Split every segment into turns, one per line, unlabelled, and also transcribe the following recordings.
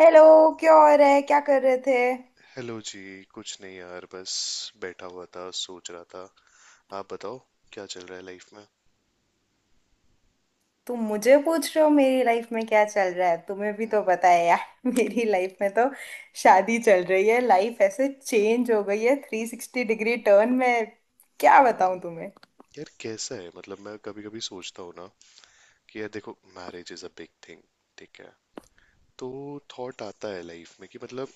Hello. क्या हो रहा है, क्या कर रहे थे।
हेलो जी। कुछ नहीं यार, बस बैठा हुआ था, सोच रहा था। आप बताओ, क्या चल रहा है लाइफ में।
तुम मुझे पूछ रहे हो मेरी लाइफ में क्या चल रहा है, तुम्हें भी तो
हम्म।
पता है यार। मेरी लाइफ में तो शादी चल रही है, लाइफ ऐसे चेंज हो गई है थ्री सिक्सटी डिग्री टर्न में। क्या बताऊं।
यार कैसा है, मतलब मैं कभी कभी सोचता हूँ ना कि यार देखो, marriage is a big thing, ठीक है। तो थॉट आता है लाइफ में कि मतलब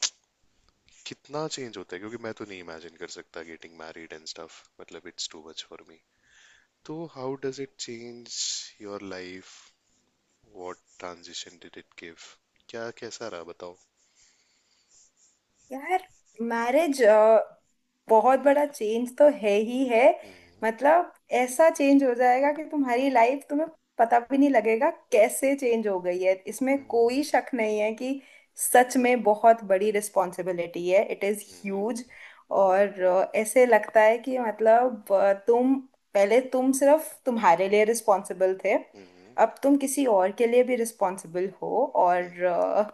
कितना चेंज होता है, क्योंकि मैं तो नहीं इमेजिन कर सकता गेटिंग मैरिड एंड स्टफ। मतलब it's too much for me. तो how does it change your life, what transition did it give, क्या कैसा रहा बताओ।
यार मैरिज बहुत बड़ा चेंज तो है ही है।
हम्म।
मतलब ऐसा चेंज हो जाएगा कि तुम्हारी लाइफ तुम्हें पता भी नहीं लगेगा कैसे चेंज हो गई है, इसमें
हम्म।
कोई शक नहीं है कि सच में बहुत बड़ी रिस्पॉन्सिबिलिटी है। It is
hmm.
ह्यूज। और ऐसे लगता है कि मतलब तुम पहले तुम सिर्फ तुम्हारे लिए रिस्पॉन्सिबल थे,
हम्म।
अब तुम किसी और के लिए भी रिस्पॉन्सिबल हो
हम्म।
और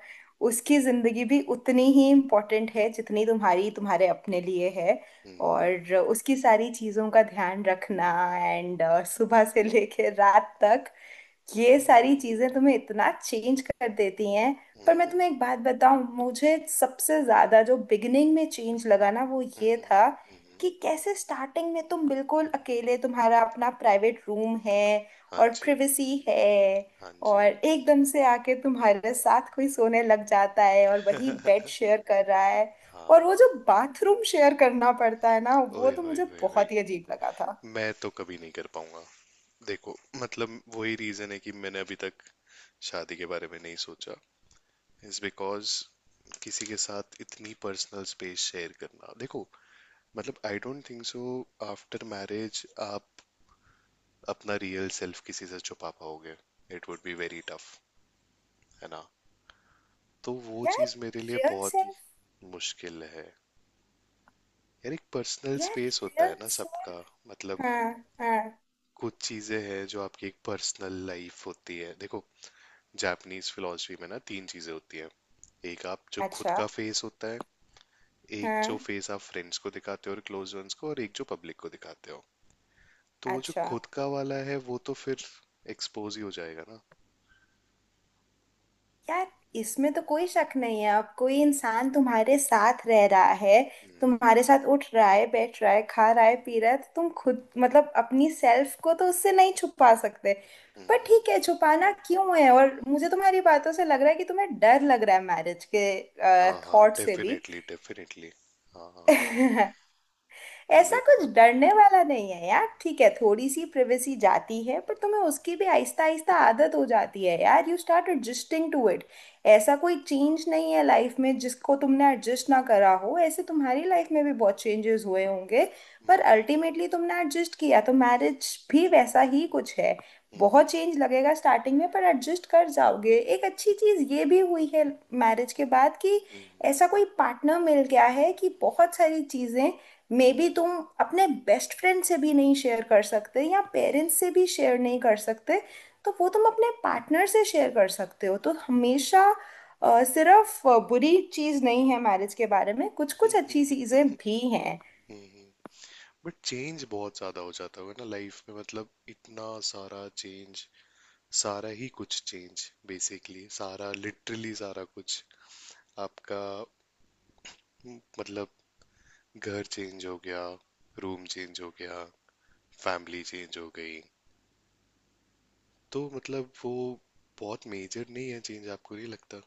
उसकी जिंदगी भी उतनी ही इम्पोर्टेंट है जितनी तुम्हारी तुम्हारे अपने लिए है।
हम्म। हम्म।
और उसकी सारी चीजों का ध्यान रखना, एंड सुबह से लेके रात तक ये सारी
हम्म।
चीजें तुम्हें इतना चेंज कर देती हैं। पर मैं
हम्म।
तुम्हें एक बात बताऊं, मुझे सबसे ज्यादा जो बिगिनिंग में चेंज लगा ना वो ये था
हम्म।
कि कैसे स्टार्टिंग में तुम बिल्कुल अकेले, तुम्हारा अपना प्राइवेट रूम है
हाँ
और
जी।
प्रिवेसी है,
हाँ
और
जी।
एकदम से आके तुम्हारे साथ कोई सोने लग जाता है और वही बेड शेयर कर रहा है। और वो
हाँ।
जो बाथरूम शेयर करना पड़ता है ना वो
ओए
तो
होए
मुझे
होए होए।
बहुत ही अजीब लगा था।
मैं तो कभी नहीं कर पाऊंगा। देखो, मतलब वही रीजन है कि मैंने अभी तक शादी के बारे में नहीं सोचा, इज बिकॉज किसी के साथ इतनी पर्सनल स्पेस शेयर करना। देखो, मतलब I don't think so after marriage आप अपना रियल सेल्फ किसी से छुपा पाओगे। It would be very tough, है ना। तो वो
यार
चीज़ मेरे लिए
रियल
बहुत
सेल्फ।
मुश्किल है। यार एक पर्सनल
यार
स्पेस होता
रियल
है ना सबका।
सेल्फ।
मतलब
हाँ। हाँ।
कुछ चीजें हैं जो आपकी एक पर्सनल लाइफ होती है। देखो, जापानीज फिलॉसफी में ना तीन चीजें होती हैं। एक आप जो खुद
अच्छा।
का फेस होता है, एक जो
हाँ।
फेस आप फ्रेंड्स को दिखाते हो और क्लोज वंस को, और एक जो पब्लिक को दिखाते हो। तो वो जो
अच्छा।
खुद का वाला है वो तो फिर एक्सपोज ही हो जाएगा ना।
यार इसमें तो कोई शक नहीं है, अब कोई इंसान तुम्हारे साथ रह रहा है,
हम्म।
तुम्हारे साथ उठ रहा है बैठ रहा है खा रहा है पी रहा है तो तुम खुद मतलब अपनी सेल्फ को तो उससे नहीं छुपा सकते।
हम्म।
पर
हम्म।
ठीक है, छुपाना क्यों है। और मुझे तुम्हारी बातों से लग रहा है कि तुम्हें डर लग रहा है मैरिज के
हाँ हाँ,
थॉट से भी।
Definitely definitely. हाँ हाँ।
ऐसा
मे-
कुछ डरने वाला नहीं है यार, ठीक है थोड़ी सी प्रिवेसी जाती है पर तुम्हें उसकी भी आहिस्ता आहिस्ता आदत हो जाती है यार, you start adjusting to it. ऐसा कोई चेंज नहीं है लाइफ में जिसको तुमने एडजस्ट ना करा हो, ऐसे तुम्हारी लाइफ में भी बहुत चेंजेस हुए होंगे पर
हम्म।
अल्टीमेटली तुमने एडजस्ट किया, तो मैरिज भी वैसा ही कुछ है।
हम्म।
बहुत चेंज लगेगा स्टार्टिंग में पर एडजस्ट कर जाओगे। एक अच्छी चीज़ ये भी हुई है मैरिज के बाद कि
हम्म। हम्म।
ऐसा कोई पार्टनर मिल गया है कि बहुत सारी चीज़ें मे बी तुम अपने बेस्ट फ्रेंड से भी नहीं शेयर कर सकते या पेरेंट्स से भी शेयर नहीं कर सकते, तो वो तुम अपने पार्टनर से शेयर कर सकते हो। तो हमेशा सिर्फ बुरी चीज़ नहीं है मैरिज के बारे में, कुछ कुछ अच्छी चीज़ें भी हैं।
हम्म। हम्म। बट चेंज बहुत ज्यादा हो जाता होगा ना लाइफ में, मतलब इतना सारा चेंज, सारा ही कुछ चेंज, बेसिकली सारा लिटरली सारा कुछ आपका। मतलब घर चेंज हो गया, रूम चेंज हो गया, फैमिली चेंज हो गई। तो मतलब वो बहुत मेजर नहीं है चेंज, आपको नहीं लगता।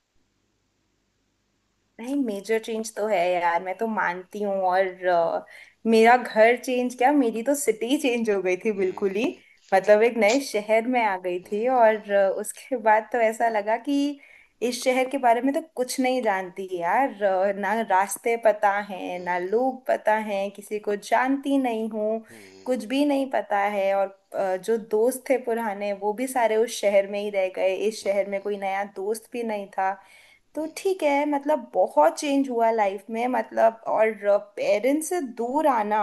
नहीं, मेजर चेंज तो है यार, मैं तो मानती हूँ। और मेरा घर चेंज क्या, मेरी तो सिटी चेंज हो गई थी बिल्कुल ही।
हम्म।
मतलब एक नए शहर में आ गई थी और
हम्म।
उसके बाद तो ऐसा लगा कि इस शहर के बारे में तो कुछ नहीं जानती यार, ना रास्ते पता हैं ना
हम्म।
लोग पता हैं, किसी को जानती नहीं हूँ,
हम्म।
कुछ भी नहीं पता है। और जो दोस्त थे पुराने वो भी सारे उस शहर में ही रह गए, इस शहर में कोई नया दोस्त भी नहीं था। तो ठीक है मतलब बहुत चेंज हुआ लाइफ में, मतलब और पेरेंट्स से दूर आना,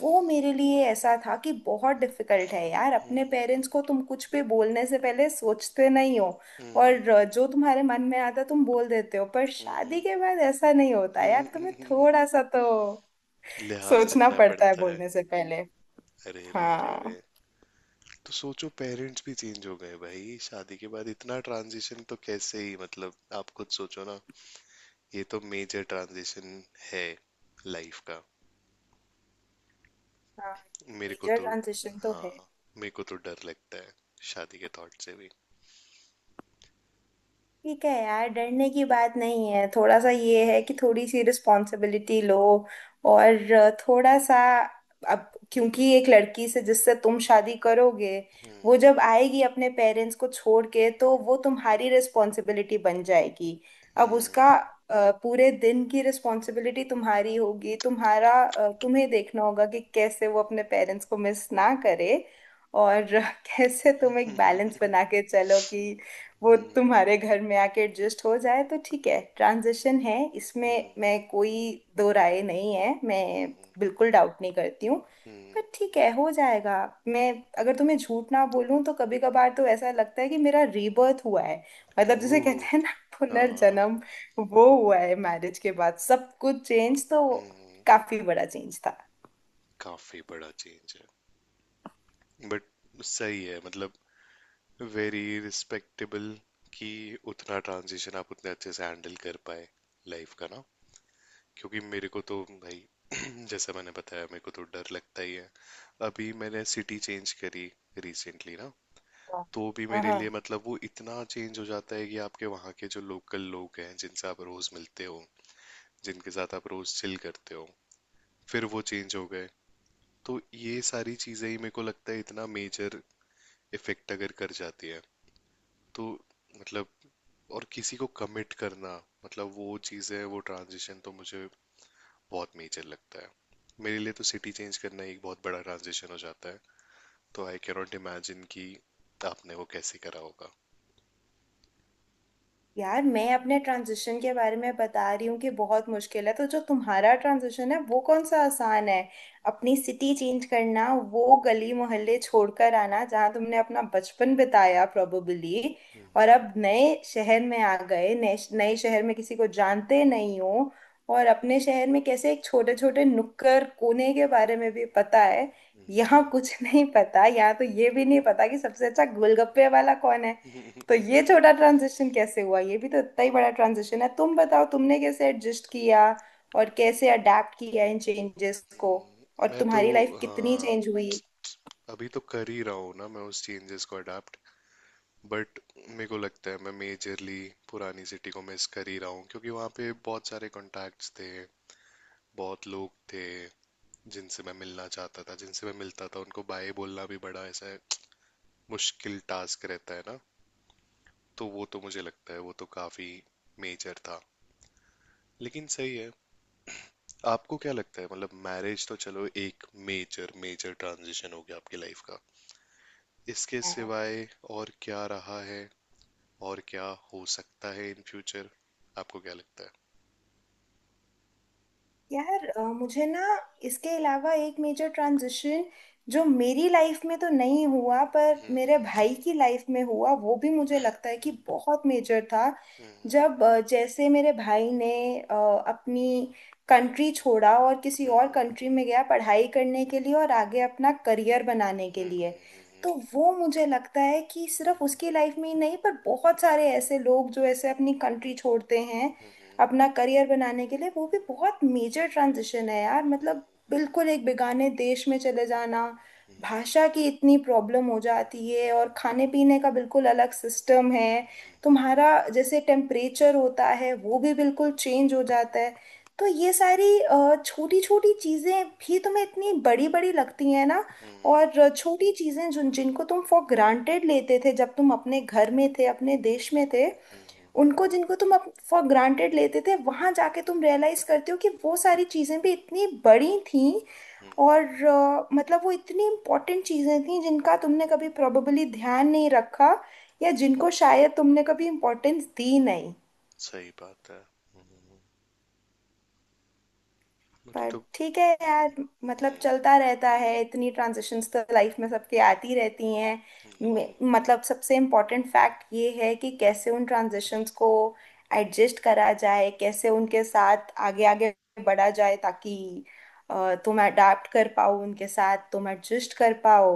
वो मेरे लिए ऐसा था कि बहुत डिफिकल्ट है यार।
हम्म।
अपने
हम्म।
पेरेंट्स को तुम कुछ भी बोलने से पहले सोचते नहीं हो
हम्म।
और जो तुम्हारे मन में आता तुम बोल देते हो, पर
हम्म।
शादी के बाद ऐसा नहीं होता
हम्म।
यार, तुम्हें
हम्म।
थोड़ा सा तो
लिहाज
सोचना
रखना
पड़ता है
पड़ता है।
बोलने से पहले।
अरे रे रे
हाँ।
रे। तो सोचो पेरेंट्स भी चेंज हो गए भाई, शादी के बाद इतना ट्रांजिशन तो कैसे ही, मतलब आप खुद सोचो ना। ये तो मेजर ट्रांजिशन है लाइफ का।
हाँ,
मेरे को
मेजर
तो।
ट्रांजिशन तो है।
हाँ। मेरे को तो डर लगता है शादी के थॉट से भी।
ठीक है यार, डरने की बात नहीं है। थोड़ा सा ये है कि थोड़ी सी रिस्पॉन्सिबिलिटी लो और थोड़ा सा, अब क्योंकि एक लड़की से जिससे तुम शादी करोगे वो
हम्म।
जब आएगी अपने पेरेंट्स को छोड़ के तो वो तुम्हारी रिस्पॉन्सिबिलिटी बन जाएगी। अब उसका
हम्म।
पूरे दिन की रिस्पॉन्सिबिलिटी तुम्हारी होगी, तुम्हारा तुम्हें देखना होगा कि कैसे वो अपने पेरेंट्स को मिस ना करे और कैसे तुम एक बैलेंस बना के चलो कि वो
हम्म।
तुम्हारे घर में आके एडजस्ट हो जाए। तो ठीक है, ट्रांजिशन है, इसमें मैं
हम्म।
कोई दो राय नहीं है, मैं
हम्म।
बिल्कुल डाउट नहीं करती हूँ।
हम्म।
पर ठीक है हो जाएगा। मैं अगर तुम्हें झूठ ना बोलूं तो कभी कभार तो ऐसा लगता है कि मेरा रीबर्थ हुआ है, मतलब जिसे कहते
ओह।
हैं ना,
हाँ।
पुनर्जन्म, वो हुआ है मैरिज के बाद, सब कुछ चेंज तो
हम्म।
काफी बड़ा चेंज था।
काफी बड़ा चेंज है बट सही है, मतलब वेरी रिस्पेक्टेबल कि उतना ट्रांजिशन आप उतने अच्छे से हैंडल कर पाए लाइफ का ना। क्योंकि मेरे को तो भाई, जैसा मैंने बताया, मेरे को तो डर लगता ही है। अभी मैंने सिटी चेंज करी रिसेंटली ना,
हाँ।
तो भी मेरे लिए
हाँ।
मतलब वो इतना चेंज हो जाता है कि आपके वहाँ के जो लोकल लोग हैं जिनसे आप रोज मिलते हो, जिनके साथ आप रोज चिल करते हो, फिर वो चेंज हो गए। तो ये सारी चीजें ही मेरे को लगता है इतना मेजर इफेक्ट अगर कर जाती है तो, मतलब और किसी को कमिट करना, मतलब वो चीज़ें वो ट्रांजिशन तो मुझे बहुत मेजर लगता है। मेरे लिए तो सिटी चेंज करना एक बहुत बड़ा ट्रांजिशन हो जाता है। तो आई कैन नॉट इमेजिन कि आपने वो कैसे करा होगा।
यार मैं अपने ट्रांजिशन के बारे में बता रही हूँ कि बहुत मुश्किल है, तो जो तुम्हारा ट्रांजिशन है वो कौन सा आसान है। अपनी सिटी चेंज करना, वो गली मोहल्ले छोड़कर आना जहाँ तुमने अपना बचपन बिताया प्रोबेबली, और अब नए शहर में आ गए, नए नए शहर में किसी को जानते नहीं हो। और अपने शहर में कैसे एक छोटे छोटे नुक्कड़ कोने के बारे में भी पता है, यहाँ कुछ नहीं पता, यहाँ तो ये भी नहीं पता कि सबसे अच्छा गोलगप्पे वाला कौन है। तो ये छोटा ट्रांजिशन कैसे हुआ, ये भी तो इतना ही बड़ा ट्रांजिशन है। तुम बताओ तुमने कैसे एडजस्ट किया और कैसे अडेप्ट किया इन चेंजेस को और
मैं तो।
तुम्हारी लाइफ कितनी
हाँ।
चेंज हुई।
अभी तो कर ही रहा हूँ ना मैं उस चेंजेस को अडाप्ट। बट मेरे को लगता है मैं मेजरली पुरानी सिटी को मिस कर ही रहा हूँ, क्योंकि वहाँ पे बहुत सारे कॉन्टैक्ट्स थे, बहुत लोग थे जिनसे मैं मिलना चाहता था, जिनसे मैं मिलता था। उनको बाय बोलना भी बड़ा ऐसा मुश्किल टास्क रहता है ना। तो वो तो मुझे लगता है वो तो काफी मेजर था। लेकिन सही है। आपको क्या लगता है, मतलब मैरिज तो चलो एक मेजर मेजर ट्रांजिशन हो गया आपकी लाइफ का। इसके सिवाय और क्या रहा है, और क्या हो सकता है इन फ्यूचर, आपको क्या लगता है।
यार मुझे ना, इसके अलावा एक मेजर ट्रांजिशन जो मेरी लाइफ में तो नहीं हुआ पर मेरे
हम्म।
भाई की लाइफ में हुआ वो भी मुझे लगता है कि बहुत मेजर था।
हम्म।
जब जैसे मेरे भाई ने अ, अपनी कंट्री छोड़ा और किसी और
हम्म।
कंट्री में गया पढ़ाई करने के लिए और आगे अपना करियर बनाने के लिए।
हम्म। हम्म।
तो वो मुझे लगता है कि सिर्फ उसकी लाइफ में ही नहीं पर बहुत सारे ऐसे लोग जो ऐसे अपनी कंट्री छोड़ते हैं
हम्म।
अपना करियर बनाने के लिए वो भी बहुत मेजर ट्रांजिशन है यार, मतलब बिल्कुल एक बेगाने देश में चले जाना, भाषा की इतनी प्रॉब्लम हो जाती है और खाने पीने का बिल्कुल अलग सिस्टम है तुम्हारा, जैसे टेम्परेचर होता है वो भी बिल्कुल चेंज हो जाता है। तो ये सारी छोटी छोटी चीज़ें भी तुम्हें इतनी बड़ी बड़ी लगती हैं ना। और छोटी चीज़ें जिन जिनको तुम फॉर ग्रांटेड लेते थे जब तुम अपने घर में थे अपने देश में थे, उनको
हम्म।
जिनको तुम फॉर ग्रांटेड लेते थे वहां जाके तुम रियलाइज करते हो कि वो सारी चीजें भी इतनी बड़ी थीं। और
हम्म।
मतलब वो इतनी इंपॉर्टेंट चीजें थीं जिनका तुमने कभी प्रोबेबली ध्यान नहीं रखा या
हम्म।
जिनको शायद तुमने कभी इम्पोर्टेंस दी नहीं।
सही बात है। मुझे
पर
तो।
ठीक है यार, मतलब
हम्म।
चलता रहता है, इतनी ट्रांजिशंस तो लाइफ में सबके आती रहती हैं।
हम्म।
मतलब सबसे इम्पोर्टेंट फैक्ट ये है कि कैसे उन ट्रांजिशंस को एडजस्ट करा जाए, कैसे उनके साथ आगे आगे बढ़ा जाए ताकि तुम अडाप्ट कर पाओ उनके साथ, तुम एडजस्ट कर पाओ,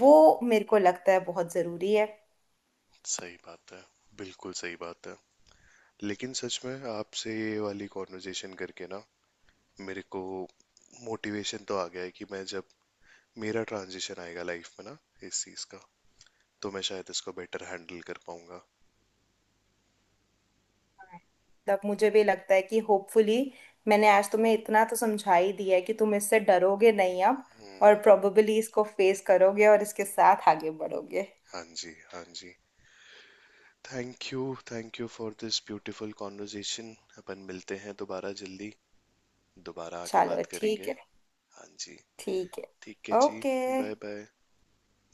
वो मेरे को लगता है बहुत ज़रूरी है।
सही बात है। बिल्कुल सही बात है। लेकिन सच में आपसे ये वाली कॉन्वर्जेशन करके ना मेरे को मोटिवेशन तो आ गया है कि मैं जब मेरा ट्रांजिशन आएगा लाइफ में ना, इस चीज का, तो मैं शायद इसको बेटर हैंडल कर पाऊंगा।
तब मुझे भी लगता है कि होपफुली मैंने आज तुम्हें इतना तो समझा ही दिया है कि तुम इससे डरोगे नहीं अब और
हम्म।
प्रोबेबली इसको फेस करोगे और इसके साथ आगे बढ़ोगे।
हाँ जी हाँ जी। Thank you for this beautiful conversation. अपन मिलते हैं दोबारा जल्दी, दोबारा आके
चलो
बात
ठीक
करेंगे।
है।
हाँ जी।
ठीक है।
ठीक है जी।
ओके।
Bye bye.